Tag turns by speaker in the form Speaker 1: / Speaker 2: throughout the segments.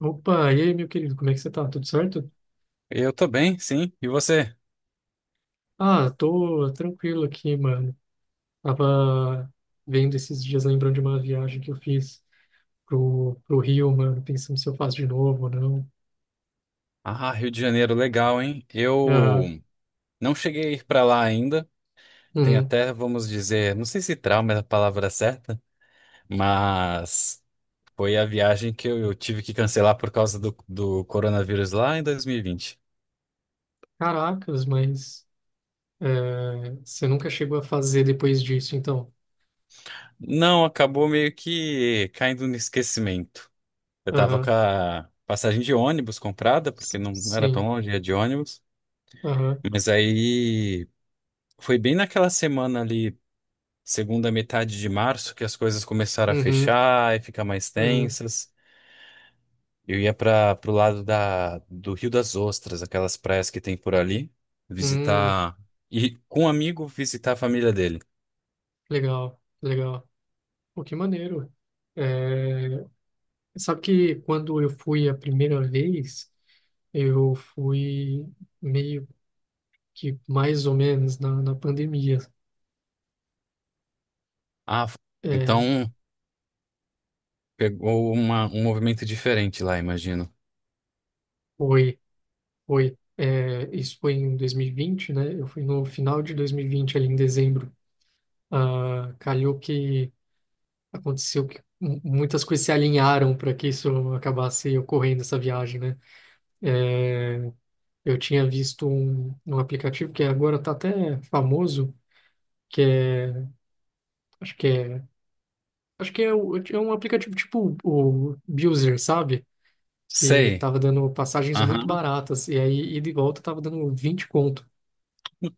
Speaker 1: Opa, e aí, meu querido, como é que você tá? Tudo certo?
Speaker 2: Eu tô bem, sim. E você?
Speaker 1: Ah, tô tranquilo aqui, mano. Tava vendo esses dias, lembrando de uma viagem que eu fiz pro Rio, mano, pensando se eu faço de novo ou não.
Speaker 2: Ah, Rio de Janeiro, legal, hein?
Speaker 1: Aham.
Speaker 2: Eu não cheguei a ir pra lá ainda. Tem
Speaker 1: Uhum.
Speaker 2: até, vamos dizer, não sei se trauma é a palavra certa, mas foi a viagem que eu tive que cancelar por causa do coronavírus lá em 2020.
Speaker 1: Caracas, mas é, você nunca chegou a fazer depois disso, então?
Speaker 2: Não, acabou meio que caindo no esquecimento. Eu tava com
Speaker 1: Aham.
Speaker 2: a passagem de ônibus comprada, porque
Speaker 1: S-
Speaker 2: não era tão
Speaker 1: Sim.
Speaker 2: longe, ia de ônibus.
Speaker 1: Aham.
Speaker 2: Mas aí foi bem naquela semana ali. Segunda metade de março que as coisas começaram a
Speaker 1: Uhum.
Speaker 2: fechar e ficar mais
Speaker 1: Uhum.
Speaker 2: tensas. Eu ia para pro lado do Rio das Ostras, aquelas praias que tem por ali,
Speaker 1: Hum.
Speaker 2: visitar e com um amigo visitar a família dele.
Speaker 1: Legal, legal. Pô, que maneiro. Eh, Sabe que quando eu fui a primeira vez, eu fui meio que mais ou menos na pandemia.
Speaker 2: Ah, f- então
Speaker 1: É,
Speaker 2: pegou um movimento diferente lá, imagino.
Speaker 1: foi, foi. É, isso foi em 2020, né? Eu fui no final de 2020 ali em dezembro. Ah, calhou que aconteceu que muitas coisas se alinharam para que isso acabasse ocorrendo, essa viagem, né? É, eu tinha visto um aplicativo que agora está até famoso, que é, acho que é é um aplicativo tipo o Buser, sabe? Que
Speaker 2: Sei.
Speaker 1: tava dando passagens muito
Speaker 2: Aham.
Speaker 1: baratas. E aí, ida e volta, tava dando 20 conto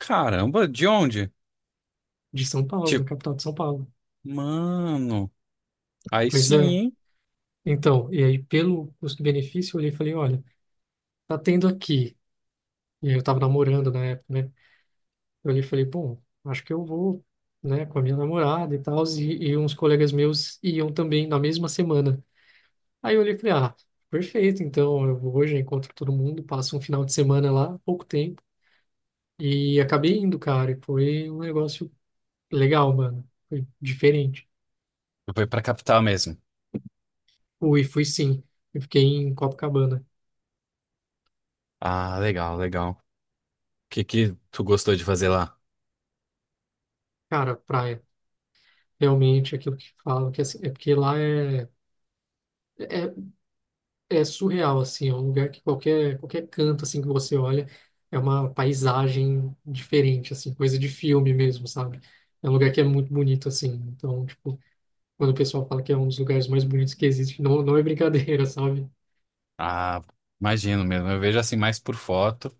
Speaker 2: Caramba, de onde?
Speaker 1: de São Paulo, da
Speaker 2: Tipo,
Speaker 1: capital de São Paulo.
Speaker 2: mano, aí
Speaker 1: Pois é.
Speaker 2: sim.
Speaker 1: Então, e aí, pelo custo-benefício, eu olhei e falei: olha, tá tendo aqui. E aí, eu tava namorando na época, né? Eu olhei e falei: bom, acho que eu vou, né, com a minha namorada e tal. E uns colegas meus iam também na mesma semana. Aí, eu olhei e falei: ah, perfeito. Então, eu vou hoje, encontro todo mundo, passo um final de semana lá, pouco tempo. E acabei indo, cara, e foi um negócio legal, mano. Foi diferente.
Speaker 2: Eu fui pra capital mesmo.
Speaker 1: Fui, fui sim. Eu fiquei em Copacabana.
Speaker 2: Ah, legal, legal. O que tu gostou de fazer lá?
Speaker 1: Cara, praia. Realmente, aquilo que falam, que é assim, é porque lá é, é surreal, assim. É um lugar que qualquer canto, assim, que você olha, é uma paisagem diferente, assim. Coisa de filme mesmo, sabe? É um lugar que é muito bonito, assim. Então, tipo, quando o pessoal fala que é um dos lugares mais bonitos que existe, não, não é brincadeira, sabe?
Speaker 2: Ah, imagino mesmo. Eu vejo assim mais por foto.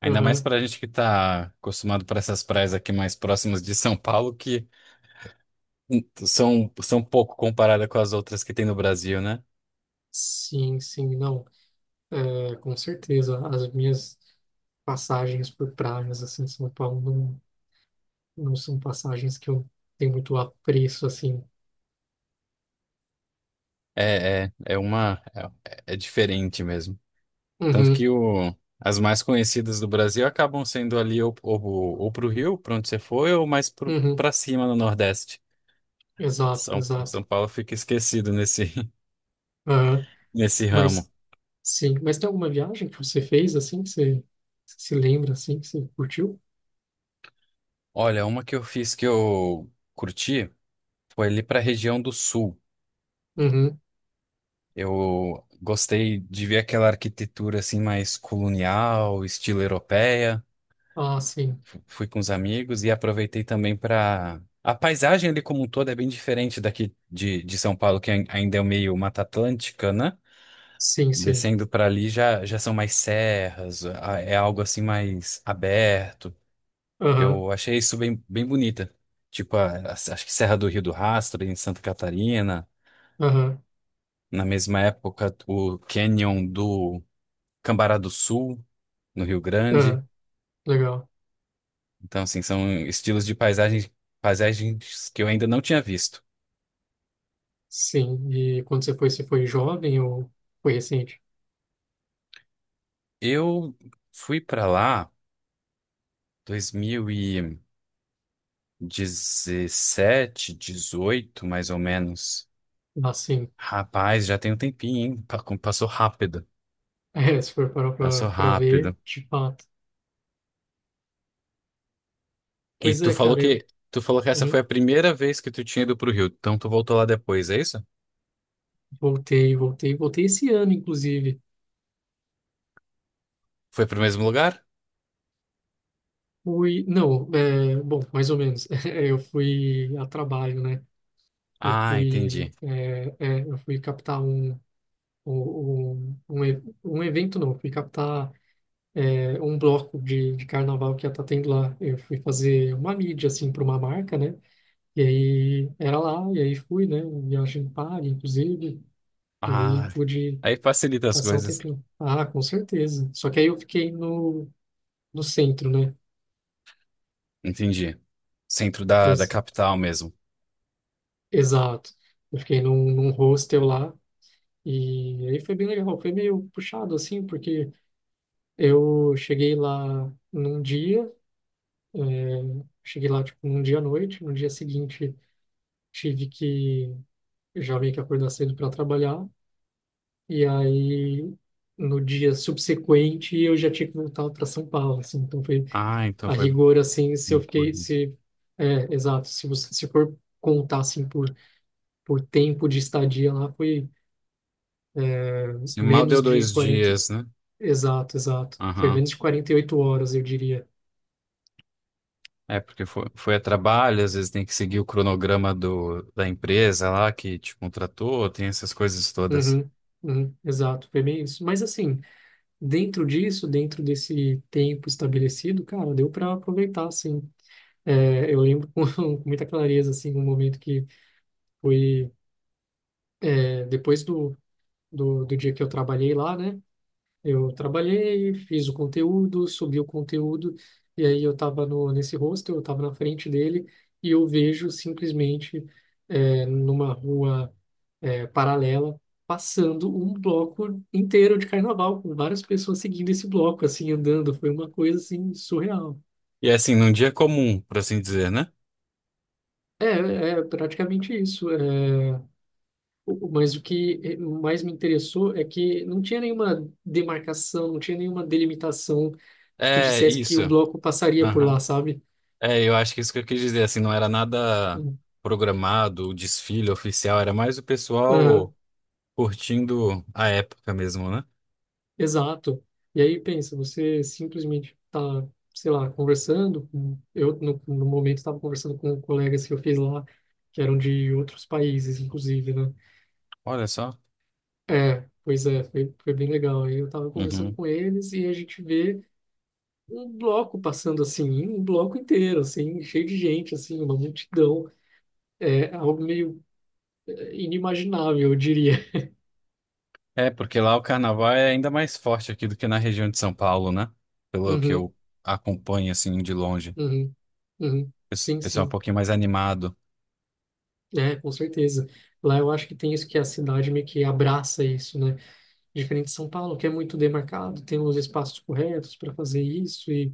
Speaker 2: Ainda mais
Speaker 1: Aham.
Speaker 2: pra gente que tá acostumado para essas praias aqui mais próximas de São Paulo, que são pouco comparadas com as outras que tem no Brasil, né?
Speaker 1: Sim, sim, não. É, com certeza, as minhas passagens por praias, assim, em São Paulo não, não são passagens que eu tenho muito apreço, assim.
Speaker 2: É, é, é uma. É, é diferente mesmo. Tanto
Speaker 1: Uhum,
Speaker 2: que o, as mais conhecidas do Brasil acabam sendo ali ou pro Rio, pra onde você foi, ou mais
Speaker 1: uhum,
Speaker 2: pra cima no Nordeste.
Speaker 1: exato, exato.
Speaker 2: São Paulo fica esquecido nesse,
Speaker 1: Aham,
Speaker 2: nesse ramo.
Speaker 1: mas, sim, mas tem alguma viagem que você fez, assim, que você se lembra, assim, que você curtiu?
Speaker 2: Olha, uma que eu fiz que eu curti. Foi ali para a região do sul.
Speaker 1: Uhum,
Speaker 2: Eu gostei de ver aquela arquitetura assim mais colonial, estilo europeia.
Speaker 1: ah, sim,
Speaker 2: Fui com os amigos e aproveitei também para a paisagem ali como um todo é bem diferente daqui de São Paulo, que ainda é meio Mata Atlântica, né?
Speaker 1: sim, sim.
Speaker 2: Descendo para ali já são mais serras, é algo assim mais aberto.
Speaker 1: Aham,
Speaker 2: Eu achei isso bem, bem bonita. Tipo, acho que Serra do Rio do Rastro, em Santa Catarina.
Speaker 1: aham,
Speaker 2: Na mesma época, o Canyon do Cambará do Sul, no Rio Grande.
Speaker 1: aham, legal.
Speaker 2: Então, assim, são estilos de paisagem paisagens que eu ainda não tinha visto.
Speaker 1: Sim, e quando você foi jovem ou foi recente?
Speaker 2: Eu fui para lá 2017, 18, mais ou menos.
Speaker 1: Ah, sim.
Speaker 2: Rapaz, já tem um tempinho, hein? Como Passou rápido.
Speaker 1: É, se for parar pra,
Speaker 2: Passou
Speaker 1: pra ver,
Speaker 2: rápido.
Speaker 1: tipo,
Speaker 2: E
Speaker 1: Pois é, cara, eu
Speaker 2: tu falou que essa foi
Speaker 1: uhum,
Speaker 2: a primeira vez que tu tinha ido pro Rio. Então tu voltou lá depois, é isso?
Speaker 1: voltei, voltei, voltei esse ano, inclusive.
Speaker 2: Foi pro mesmo lugar?
Speaker 1: Fui, não, é, bom, mais ou menos. Eu fui a trabalho, né? Eu
Speaker 2: Ah,
Speaker 1: fui,
Speaker 2: entendi.
Speaker 1: eu fui captar um evento, não, eu fui captar um bloco de carnaval que ia estar tendo lá. Eu fui fazer uma mídia, assim, para uma marca, né? E aí era lá, e aí fui, né? Viagem paga, inclusive, e aí
Speaker 2: Ah,
Speaker 1: pude
Speaker 2: aí facilita as
Speaker 1: passar um
Speaker 2: coisas.
Speaker 1: tempinho. Ah, com certeza. Só que aí eu fiquei no centro, né?
Speaker 2: Entendi. Centro da
Speaker 1: Pois,
Speaker 2: capital mesmo.
Speaker 1: exato. Eu fiquei num hostel lá e aí foi bem legal. Foi meio puxado, assim, porque eu cheguei lá num dia, cheguei lá, tipo, num dia à noite, no dia seguinte tive que, eu já meio que acordar cedo para trabalhar e aí no dia subsequente eu já tinha que voltar para São Paulo, assim, então foi
Speaker 2: Ah, então
Speaker 1: a
Speaker 2: foi.
Speaker 1: rigor, assim, se eu fiquei, se, é, exato, se você, se for contar, assim, por tempo de estadia lá, foi
Speaker 2: Assim, mal
Speaker 1: menos
Speaker 2: deu
Speaker 1: de
Speaker 2: dois
Speaker 1: 40.
Speaker 2: dias, né?
Speaker 1: Exato, exato. Foi
Speaker 2: Aham.
Speaker 1: menos de 48 horas, eu diria.
Speaker 2: É, porque foi a trabalho, às vezes tem que seguir o cronograma da empresa lá que te contratou, tem essas coisas todas.
Speaker 1: Uhum, uhum, exato, foi bem isso. Mas assim, dentro disso, dentro desse tempo estabelecido, cara, deu para aproveitar, assim. É, eu lembro com, com muita clareza, assim, um momento que foi depois do dia que eu trabalhei lá, né? Eu trabalhei, fiz o conteúdo, subi o conteúdo, e aí eu tava no, nesse hostel, eu tava na frente dele, e eu vejo simplesmente numa rua paralela, passando um bloco inteiro de carnaval, com várias pessoas seguindo esse bloco, assim, andando. Foi uma coisa, assim, surreal.
Speaker 2: E é assim, num dia comum, por assim dizer, né?
Speaker 1: É praticamente isso. É, mas o que mais me interessou é que não tinha nenhuma demarcação, não tinha nenhuma delimitação que
Speaker 2: É,
Speaker 1: dissesse que
Speaker 2: isso.
Speaker 1: o bloco passaria por
Speaker 2: Aham.
Speaker 1: lá, sabe?
Speaker 2: É, eu acho que isso que eu quis dizer, assim, não era nada programado, o desfile oficial, era mais o
Speaker 1: Uhum.
Speaker 2: pessoal. Curtindo a época mesmo, né?
Speaker 1: Exato. E aí pensa, você simplesmente tá, sei lá, conversando. Eu, no momento, estava conversando com colegas que eu fiz lá, que eram de outros países, inclusive, né?
Speaker 2: Olha só.
Speaker 1: É, pois é, foi, foi bem legal. Aí eu estava conversando
Speaker 2: Uhum.
Speaker 1: com eles e a gente vê um bloco passando assim, um bloco inteiro, assim, cheio de gente, assim, uma multidão. É algo meio inimaginável, eu diria.
Speaker 2: É, porque lá o carnaval é ainda mais forte aqui do que na região de São Paulo, né? Pelo que
Speaker 1: Uhum,
Speaker 2: eu acompanho, assim, de longe.
Speaker 1: uhum, uhum. Sim,
Speaker 2: Pessoal é um
Speaker 1: sim.
Speaker 2: pouquinho mais animado.
Speaker 1: É, com certeza. Lá eu acho que tem isso que a cidade meio que abraça isso, né? Diferente de São Paulo, que é muito demarcado, tem os espaços corretos para fazer isso e,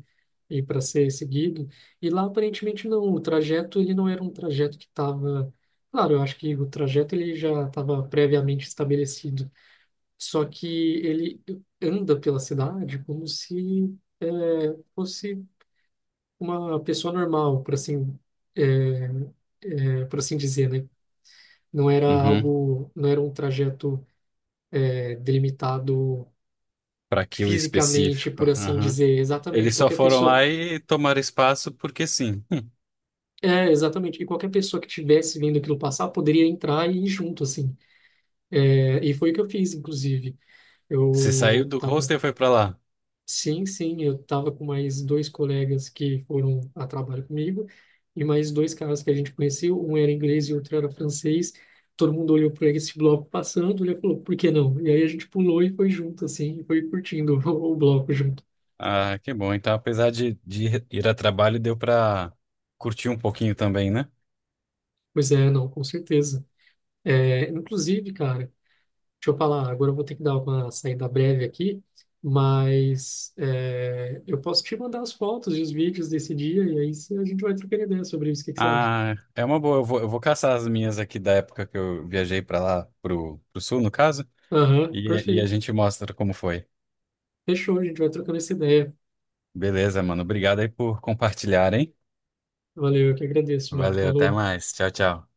Speaker 1: e para ser seguido. E lá aparentemente não, o trajeto ele não era um trajeto que estava. Claro, eu acho que o trajeto ele já estava previamente estabelecido. Só que ele anda pela cidade como se é, fosse uma pessoa normal, por assim, é, por assim dizer, né? Não era
Speaker 2: Uhum.
Speaker 1: algo, não era um trajeto delimitado
Speaker 2: Para aquilo
Speaker 1: fisicamente,
Speaker 2: específico.
Speaker 1: por assim
Speaker 2: Uhum.
Speaker 1: dizer. Exatamente,
Speaker 2: Eles só
Speaker 1: qualquer
Speaker 2: foram
Speaker 1: pessoa.
Speaker 2: lá e tomaram espaço porque sim.
Speaker 1: É, exatamente. E qualquer pessoa que tivesse vindo aquilo passar poderia entrar e ir junto, assim. É, e foi o que eu fiz, inclusive.
Speaker 2: Você saiu
Speaker 1: Eu
Speaker 2: do
Speaker 1: tava
Speaker 2: hostel e foi pra lá.
Speaker 1: Sim, sim, eu estava com mais dois colegas que foram a trabalho comigo e mais dois caras que a gente conheceu, um era inglês e outro era francês. Todo mundo olhou para esse bloco passando, olhou e falou, por que não? E aí a gente pulou e foi junto, assim, e foi curtindo o bloco junto.
Speaker 2: Ah, que bom. Então, apesar de ir a trabalho, deu pra curtir um pouquinho também, né?
Speaker 1: Pois é, não, com certeza. É, inclusive, cara, deixa eu falar, agora eu vou ter que dar uma saída breve aqui, mas eu posso te mandar as fotos e os vídeos desse dia e aí a gente vai trocando ideia sobre isso, o que que você acha?
Speaker 2: Ah, é uma boa. Eu vou caçar as minhas aqui da época que eu viajei pra lá, pro sul, no caso,
Speaker 1: Aham,
Speaker 2: e a
Speaker 1: perfeito.
Speaker 2: gente mostra como foi.
Speaker 1: Fechou, a gente vai trocando essa ideia.
Speaker 2: Beleza, mano. Obrigado aí por compartilhar, hein?
Speaker 1: Valeu, eu que agradeço, mano.
Speaker 2: Valeu, até
Speaker 1: Falou.
Speaker 2: mais. Tchau, tchau.